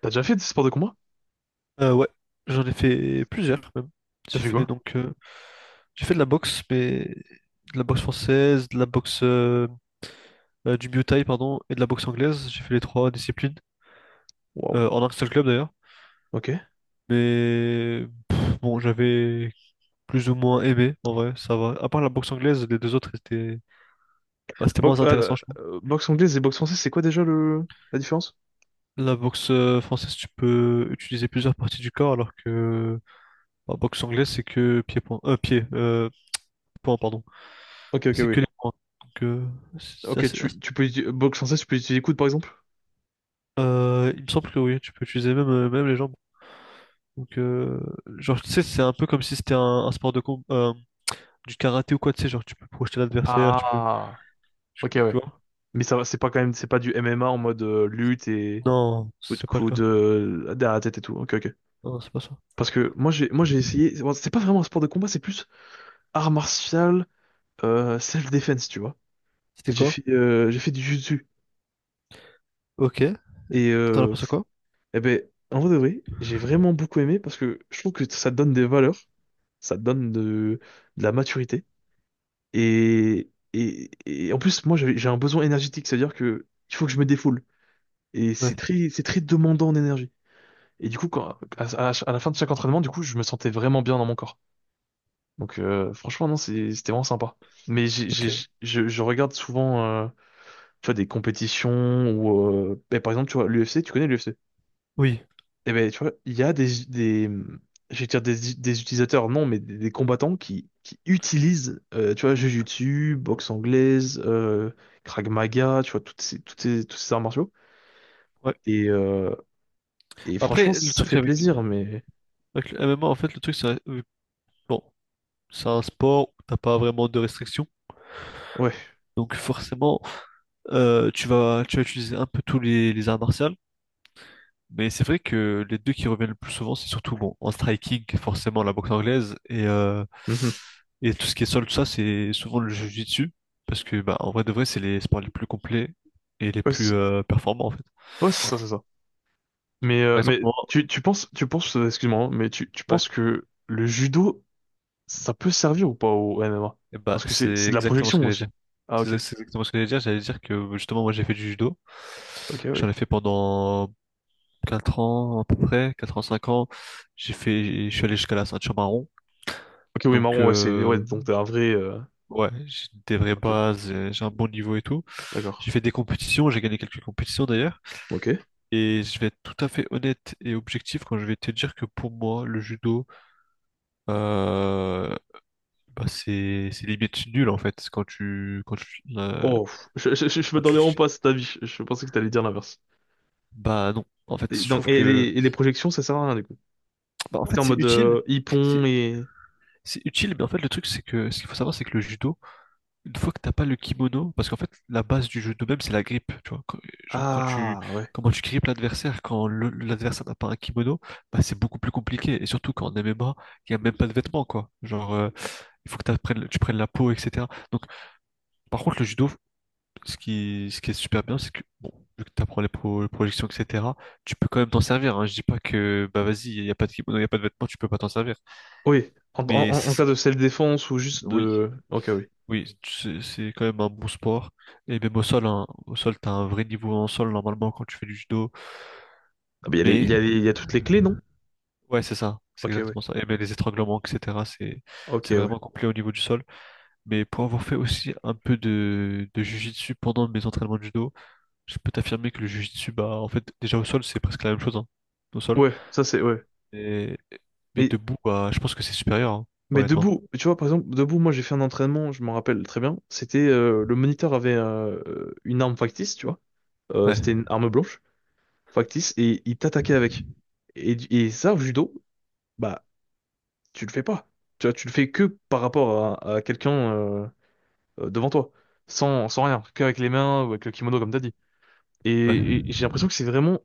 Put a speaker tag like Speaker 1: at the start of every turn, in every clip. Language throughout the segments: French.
Speaker 1: T'as déjà fait des sports de combat?
Speaker 2: Ouais, j'en ai fait plusieurs même.
Speaker 1: T'as
Speaker 2: J'ai
Speaker 1: fait
Speaker 2: fait
Speaker 1: quoi?
Speaker 2: donc euh, j'ai fait de la boxe, mais de la boxe française, de la boxe du Muay Thai, pardon, et de la boxe anglaise. J'ai fait les trois disciplines
Speaker 1: Waouh.
Speaker 2: en un seul club d'ailleurs.
Speaker 1: Ok.
Speaker 2: Mais bon, j'avais plus ou moins aimé en vrai, ça va. À part la boxe anglaise, les deux autres c'était moins intéressant, je trouve.
Speaker 1: Boxe anglaise et boxe française, c'est quoi déjà le la différence?
Speaker 2: La boxe française, tu peux utiliser plusieurs parties du corps, alors que la boxe anglaise, c'est que point, pardon.
Speaker 1: Ok, ok,
Speaker 2: C'est
Speaker 1: oui.
Speaker 2: que les points. Donc, c'est
Speaker 1: Ok,
Speaker 2: assez- assez-
Speaker 1: tu peux utiliser boxe française, tu peux utiliser les coudes par exemple?
Speaker 2: il me semble que oui, tu peux utiliser même, même les jambes. Donc, genre, tu sais, c'est un peu comme si c'était un sport de combat, du karaté ou quoi, tu sais, genre, tu peux projeter l'adversaire, tu peux.
Speaker 1: Ah,
Speaker 2: Tu,
Speaker 1: ok,
Speaker 2: tu
Speaker 1: ouais.
Speaker 2: vois?
Speaker 1: Mais ça, va, c'est pas quand même, c'est pas du MMA en mode lutte et
Speaker 2: Non,
Speaker 1: coup de
Speaker 2: c'est pas le
Speaker 1: coude
Speaker 2: cas.
Speaker 1: derrière la tête et tout. Ok, ok.
Speaker 2: Non, c'est pas ça.
Speaker 1: Parce que moi j'ai essayé. Bon, c'est pas vraiment un sport de combat, c'est plus art martial, self-defense, tu vois.
Speaker 2: C'était quoi?
Speaker 1: J'ai fait du jiu-jitsu
Speaker 2: Ok.
Speaker 1: et
Speaker 2: T'en as pensé quoi?
Speaker 1: eh ben, en vrai de vrai, j'ai vraiment beaucoup aimé parce que je trouve que ça te donne des valeurs, ça te donne de la maturité. Et en plus, moi, j'ai un besoin énergétique, c'est-à-dire que il faut que je me défoule. Et c'est
Speaker 2: Ouais.
Speaker 1: c'est très demandant en énergie. Et du coup, à la fin de chaque entraînement, du coup, je me sentais vraiment bien dans mon corps. Donc, franchement, non, c'était vraiment sympa. Mais
Speaker 2: Ok.
Speaker 1: je regarde souvent, tu vois, des compétitions ou, ben, par exemple, tu vois, l'UFC, tu connais l'UFC?
Speaker 2: Oui.
Speaker 1: Et ben, tu vois, il y a je vais dire des utilisateurs, non, mais des combattants qui utilisent, tu vois, Jujutsu, boxe anglaise, Krav Maga, tu vois, tous ces arts martiaux.
Speaker 2: Ouais.
Speaker 1: Et, euh, et franchement,
Speaker 2: Après, le
Speaker 1: ça
Speaker 2: truc
Speaker 1: fait
Speaker 2: avec,
Speaker 1: plaisir, mais
Speaker 2: avec le MMA, en fait, le truc, c'est. Bon, c'est un sport où t'as pas vraiment de restrictions.
Speaker 1: ouais,
Speaker 2: Donc, forcément, tu vas utiliser un peu tous les arts martiaux. Mais c'est vrai que les deux qui reviennent le plus souvent, c'est surtout bon, en striking, forcément la boxe anglaise et, euh,
Speaker 1: mhm.
Speaker 2: et tout ce qui est sol, tout ça, c'est souvent le jiu-jitsu. Parce que bah, en vrai de vrai, c'est les sports les plus complets et les
Speaker 1: Ouais,
Speaker 2: plus
Speaker 1: c'est
Speaker 2: performants en fait.
Speaker 1: ouais, c'est ça.
Speaker 2: Par exemple,
Speaker 1: Mais
Speaker 2: moi,
Speaker 1: tu penses, excuse-moi, hein, mais tu
Speaker 2: ouais,
Speaker 1: penses que le judo, ça peut servir ou pas au MMA?
Speaker 2: et bah,
Speaker 1: Parce que
Speaker 2: c'est
Speaker 1: c'est de la
Speaker 2: exactement ce
Speaker 1: projection
Speaker 2: que j'allais dire.
Speaker 1: aussi. Ah, ok,
Speaker 2: C'est exactement ce que j'allais dire. J'allais dire que justement, moi j'ai fait du judo.
Speaker 1: ok,
Speaker 2: J'en ai
Speaker 1: oui.
Speaker 2: fait pendant 4 ans à peu près, 4 ans, 5 ans. Je suis allé jusqu'à la ceinture marron.
Speaker 1: Ok, oui,
Speaker 2: Donc,
Speaker 1: marron, ouais, ouais, donc t'es un vrai,
Speaker 2: ouais, j'ai des vraies
Speaker 1: ok.
Speaker 2: bases, j'ai un bon niveau et tout.
Speaker 1: D'accord.
Speaker 2: J'ai fait des compétitions, j'ai gagné quelques compétitions d'ailleurs.
Speaker 1: Ok.
Speaker 2: Et je vais être tout à fait honnête et objectif quand je vais te dire que pour moi, le judo, euh, bah c'est limite nul en fait
Speaker 1: Oh, pff, je
Speaker 2: quand
Speaker 1: m'attendais vraiment
Speaker 2: tu-
Speaker 1: pas à cet avis. Je pensais que t'allais dire l'inverse.
Speaker 2: bah non. En fait,
Speaker 1: Et
Speaker 2: je
Speaker 1: donc,
Speaker 2: trouve que
Speaker 1: et les projections, ça sert à rien du coup.
Speaker 2: bah en fait
Speaker 1: C'est en
Speaker 2: c'est
Speaker 1: mode
Speaker 2: utile, c'est
Speaker 1: hippon et...
Speaker 2: c'est utile, mais en fait le truc c'est que ce qu'il faut savoir c'est que le judo une fois que t'as pas le kimono, parce qu'en fait, la base du jeu de même, c'est la grippe. Tu vois, genre,
Speaker 1: Ah, ouais.
Speaker 2: comment tu grippes l'adversaire, l'adversaire n'a pas un kimono, bah, c'est beaucoup plus compliqué. Et surtout quand en MMA, il n'y a même pas de vêtements, quoi. Genre, il faut que tu prennes la peau, etc. Donc, par contre, le judo, ce qui est super bien, c'est que, bon, vu que tu apprends les projections, etc., tu peux quand même t'en servir. Hein. Je dis pas que, bah, vas-y, il n'y a pas de kimono, il n'y a pas de vêtements, tu peux pas t'en servir.
Speaker 1: Oui, en, en,
Speaker 2: Mais
Speaker 1: en cas de self-défense ou juste
Speaker 2: oui,
Speaker 1: de... Ok, oui.
Speaker 2: oui, c'est quand même un bon sport. Et même au sol, hein, au sol, t'as un vrai niveau en sol normalement quand tu fais du judo.
Speaker 1: Ah, mais
Speaker 2: Mais
Speaker 1: il y a toutes les clés, non?
Speaker 2: ouais, c'est ça, c'est
Speaker 1: Ok, ouais.
Speaker 2: exactement ça. Et même les étranglements, etc. C'est
Speaker 1: Ok,
Speaker 2: c'est
Speaker 1: ouais.
Speaker 2: vraiment complet au niveau du sol. Mais pour avoir fait aussi un peu de jiu-jitsu pendant mes entraînements de judo, je peux t'affirmer que le jiu-jitsu, bah en fait, déjà au sol, c'est presque la même chose, hein, au sol.
Speaker 1: Ouais, ça c'est... Ouais.
Speaker 2: Et mais
Speaker 1: Mais,
Speaker 2: debout, bah, je pense que c'est supérieur, hein,
Speaker 1: mais
Speaker 2: honnêtement.
Speaker 1: debout, tu vois, par exemple, debout, moi j'ai fait un entraînement, je m'en rappelle très bien. C'était... le moniteur avait une arme factice, tu vois.
Speaker 2: Ouais,
Speaker 1: C'était une arme blanche. Factice, et il t'attaquait avec. Et, et ça, au judo, bah, tu le fais pas. Tu vois, tu le fais que par rapport à quelqu'un devant toi, sans rien, qu'avec les mains ou avec le kimono, comme t'as dit.
Speaker 2: ouais.
Speaker 1: Et j'ai l'impression que c'est vraiment,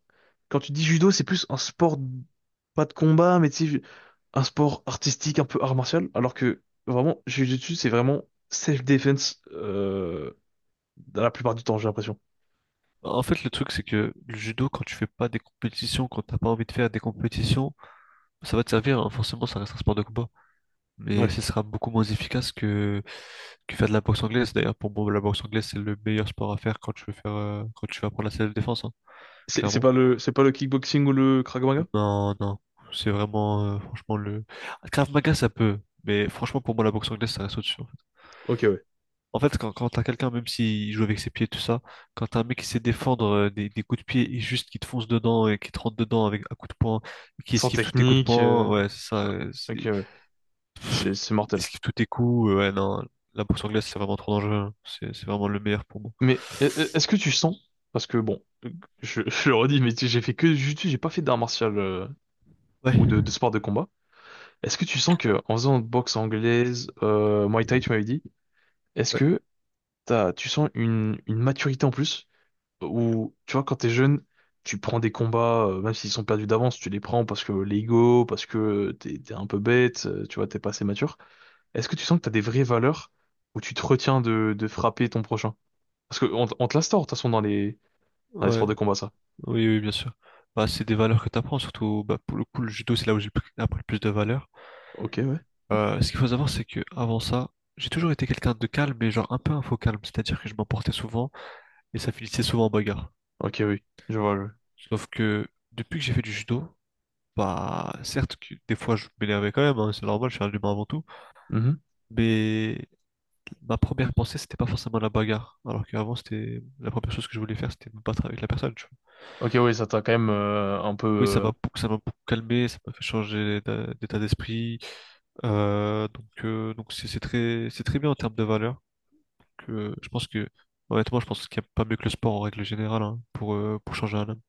Speaker 1: quand tu dis judo, c'est plus un sport, pas de combat, mais tu sais, un sport artistique, un peu art martial, alors que vraiment, Jiu-Jitsu, c'est vraiment self-defense dans la plupart du temps, j'ai l'impression.
Speaker 2: En fait, le truc, c'est que le judo, quand tu fais pas des compétitions, quand t'as pas envie de faire des compétitions, ça va te servir, hein. Forcément, ça reste un sport de combat. Mais
Speaker 1: Ouais.
Speaker 2: ce sera beaucoup moins efficace que faire de la boxe anglaise. D'ailleurs, pour moi, la boxe anglaise, c'est le meilleur sport à faire quand tu veux apprendre la self-défense, hein,
Speaker 1: C'est
Speaker 2: clairement.
Speaker 1: pas le, c'est pas le kickboxing ou le Krav Maga?
Speaker 2: Non, non, c'est vraiment, franchement, Krav Maga, ça peut. Mais franchement, pour moi, la boxe anglaise, ça reste au-dessus. Hein.
Speaker 1: Ok, ouais.
Speaker 2: En fait, quand t'as quelqu'un, même s'il joue avec ses pieds, tout ça, quand t'as un mec qui sait défendre des coups de pied et juste qui te fonce dedans et qui te rentre dedans avec un coup de poing, qui
Speaker 1: Sans
Speaker 2: esquive tous tes coups de
Speaker 1: technique.
Speaker 2: poing,
Speaker 1: Euh,
Speaker 2: ouais, c'est ça,
Speaker 1: ok, ouais. C'est
Speaker 2: il
Speaker 1: mortel.
Speaker 2: esquive tous tes coups, ouais, non, la bourse anglaise, c'est vraiment trop dangereux, hein. C'est vraiment le meilleur pour moi.
Speaker 1: Mais est-ce que tu sens? Parce que bon, je, je le redis, mais j'ai fait que du jiu-jitsu, j'ai pas fait d'art martial
Speaker 2: Ouais,
Speaker 1: ou de sport de combat. Est-ce que tu sens que en faisant boxe anglaise, Muay Thai, tu m'avais dit, est-ce
Speaker 2: ouais,
Speaker 1: que tu sens une maturité en plus? Ou tu vois, quand t'es jeune, tu prends des combats, même s'ils sont perdus d'avance, tu les prends parce que l'ego, parce que t'es un peu bête, tu vois, t'es pas assez mature. Est-ce que tu sens que t'as des vraies valeurs où tu te retiens de frapper ton prochain? Parce que on te l'instaure, de toute façon, dans les
Speaker 2: ouais,
Speaker 1: sports de combat, ça.
Speaker 2: oui, oui, bien sûr. Bah, c'est des valeurs que t'apprends, surtout, bah, pour le coup, le judo, c'est là où appris le plus de valeurs.
Speaker 1: Ok, ouais.
Speaker 2: Ce qu'il faut savoir, c'est que avant ça, j'ai toujours été quelqu'un de calme, mais genre un peu un faux calme, c'est-à-dire que je m'emportais souvent. Et ça finissait souvent en bagarre.
Speaker 1: Ok, oui, je vois.
Speaker 2: Sauf que depuis que j'ai fait du judo, bah certes que des fois je m'énervais quand même, hein, c'est normal, je suis un humain avant tout,
Speaker 1: Mhm.
Speaker 2: mais ma première pensée c'était pas forcément la bagarre, alors qu'avant c'était la première chose que je voulais faire c'était me battre avec la personne. Tu vois.
Speaker 1: Ok, oui, ça t'a quand même un peu...
Speaker 2: Oui, ça m'a beaucoup- ça m'a beaucoup calmé, ça m'a fait changer d'état d'esprit, donc c'est très bien en termes de valeur. Que je pense que Honnêtement je pense qu'il n'y a pas mieux que le sport en règle générale hein, pour changer un homme.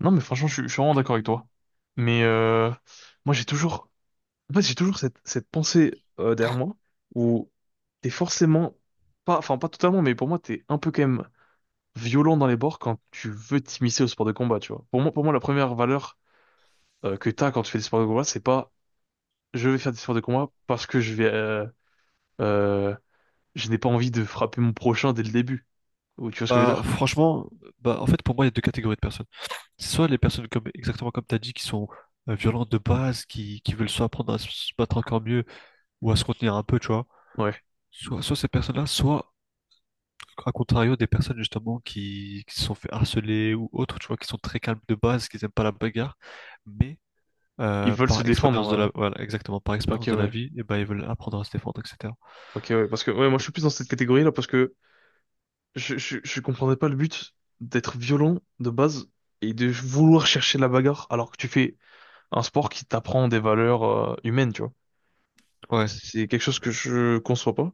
Speaker 1: non, mais franchement, je suis vraiment d'accord avec toi. Mais moi, j'ai toujours... En fait, j'ai toujours cette pensée derrière moi où t'es forcément... pas, enfin, pas totalement, mais pour moi, t'es un peu quand même violent dans les bords quand tu veux t'immiscer au sport de combat, tu vois. Pour moi la première valeur que t'as quand tu fais des sports de combat, c'est pas je vais faire des sports de combat parce que je vais, euh, je n'ai pas envie de frapper mon prochain dès le début. Ou tu vois ce que je veux
Speaker 2: Bah
Speaker 1: dire?
Speaker 2: franchement bah en fait pour moi il y a deux catégories de personnes. Soit les personnes comme exactement comme tu as dit qui sont violentes de base, qui veulent soit apprendre à se battre encore mieux ou à se contenir un peu, tu vois.
Speaker 1: Ouais.
Speaker 2: Soit ces personnes-là, soit à contrario des personnes justement qui se sont fait harceler ou autres, tu vois, qui sont très calmes de base, qui n'aiment pas la bagarre, mais
Speaker 1: Ils veulent se
Speaker 2: par expérience de la,
Speaker 1: défendre.
Speaker 2: voilà, exactement, par
Speaker 1: Euh. Ok,
Speaker 2: expérience de la
Speaker 1: ouais.
Speaker 2: vie, et ben ils veulent apprendre à se défendre, etc.
Speaker 1: Ok, ouais. Parce que, ouais, moi, je suis plus dans cette catégorie-là parce que je comprendrais pas le but d'être violent de base et de vouloir chercher la bagarre alors que tu fais un sport qui t'apprend des valeurs, humaines, tu vois.
Speaker 2: Ouais,
Speaker 1: C'est quelque chose que je conçois pas.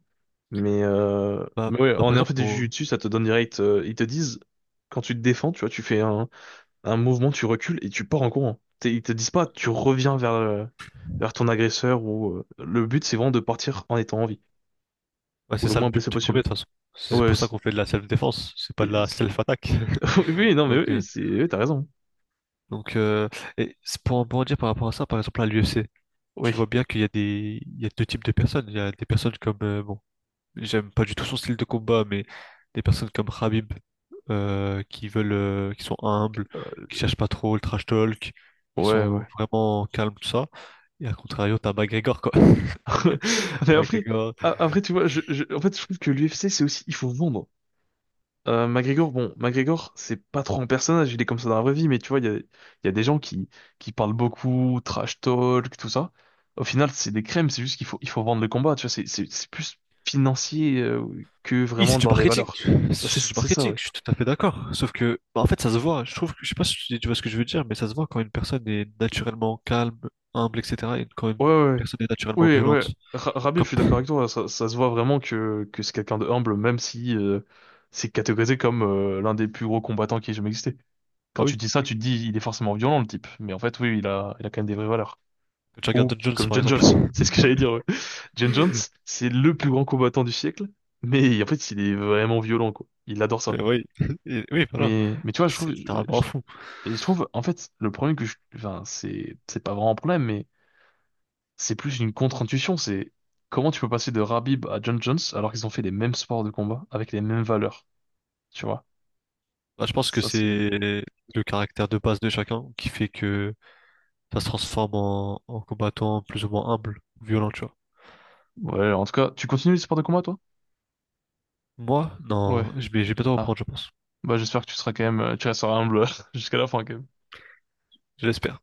Speaker 2: bah,
Speaker 1: Mais ouais,
Speaker 2: bah, par
Speaker 1: en ayant
Speaker 2: exemple,
Speaker 1: fait du jiu-jitsu, ça te donne direct, ils te disent, quand tu te défends, tu vois, tu fais un mouvement, tu recules et tu pars en courant. Ils te disent pas, tu reviens vers, vers ton agresseur ou le but c'est vraiment de partir en étant en vie
Speaker 2: bah,
Speaker 1: ou
Speaker 2: c'est
Speaker 1: le
Speaker 2: ça le
Speaker 1: moins
Speaker 2: but
Speaker 1: blessé
Speaker 2: premier de
Speaker 1: possible.
Speaker 2: toute façon. C'est
Speaker 1: Ouais,
Speaker 2: pour ça qu'on fait de la self-défense, c'est pas
Speaker 1: et-
Speaker 2: de la
Speaker 1: c'est-
Speaker 2: self-attaque.
Speaker 1: oui, non, mais
Speaker 2: Donc,
Speaker 1: oui, oui, t'as raison.
Speaker 2: donc euh, et c'est pour en rebondir par rapport à ça, par exemple à l'UFC.
Speaker 1: Oui,
Speaker 2: Je vois bien qu'il y a il y a deux types de personnes. Il y a des personnes comme, bon, j'aime pas du tout son style de combat, mais des personnes comme Khabib, qui sont humbles, qui
Speaker 1: euh,
Speaker 2: cherchent pas trop le trash talk, qui
Speaker 1: ouais, ouais.
Speaker 2: sont vraiment calmes, tout ça. Et à contrario, t'as McGregor, quoi.
Speaker 1: Mais après,
Speaker 2: McGregor,
Speaker 1: après, tu vois, en fait, je trouve que l'UFC c'est aussi, il faut vendre. McGregor, bon, McGregor, c'est pas trop un personnage, il est comme ça dans la vraie vie, mais tu vois, il y a des gens qui parlent beaucoup, trash talk, tout ça. Au final, c'est des crèmes, c'est juste il faut vendre le combat, tu vois, c'est plus financier que
Speaker 2: oui,
Speaker 1: vraiment
Speaker 2: c'est du
Speaker 1: dans les
Speaker 2: marketing.
Speaker 1: valeurs. Ouais, C'est
Speaker 2: C'est du
Speaker 1: c'est ça,
Speaker 2: marketing,
Speaker 1: ouais.
Speaker 2: je suis tout à fait d'accord. Sauf que, bah, en fait, ça se voit. Je sais pas si tu vois ce que je veux dire, mais ça se voit quand une personne est naturellement calme, humble, etc. Et quand une
Speaker 1: Ouais, ouais,
Speaker 2: personne est naturellement
Speaker 1: ouais. Ouais.
Speaker 2: violente.
Speaker 1: Rabib, je
Speaker 2: Comme,
Speaker 1: suis d'accord avec toi, ça se voit vraiment que c'est quelqu'un de humble, même si c'est catégorisé comme l'un des plus gros combattants qui ait jamais existé. Quand
Speaker 2: ah
Speaker 1: tu
Speaker 2: oui,
Speaker 1: dis ça, tu te dis, il est forcément violent, le type, mais en fait, oui, il a quand même des vraies valeurs.
Speaker 2: quand tu regardes
Speaker 1: Ou
Speaker 2: Don Jones,
Speaker 1: comme
Speaker 2: par
Speaker 1: John Jones,
Speaker 2: exemple.
Speaker 1: c'est ce que j'allais dire. Ouais. John Jones, c'est le plus grand combattant du siècle, mais en fait, il est vraiment violent, quoi. Il adore ça.
Speaker 2: Mais oui, oui, voilà.
Speaker 1: Mais tu vois, je trouve,
Speaker 2: C'est littéralement
Speaker 1: je-
Speaker 2: fou.
Speaker 1: et je trouve, en fait, le problème que enfin, c'est pas vraiment un problème, mais c'est plus une contre-intuition. C'est comment tu peux passer de Rabib à John Jones alors qu'ils ont fait les mêmes sports de combat avec les mêmes valeurs, tu vois.
Speaker 2: Bah, je pense que
Speaker 1: Ça, c'est,
Speaker 2: c'est le caractère de base de chacun qui fait que ça se transforme en combattant plus ou moins humble, violent, tu vois.
Speaker 1: ouais, en tout cas, tu continues les sports de combat, toi?
Speaker 2: Moi,
Speaker 1: Ouais.
Speaker 2: non, je vais bientôt
Speaker 1: Ah,
Speaker 2: reprendre, je pense.
Speaker 1: bah, j'espère que tu seras quand même, tu resteras humble jusqu'à la fin, quand même.
Speaker 2: Je l'espère.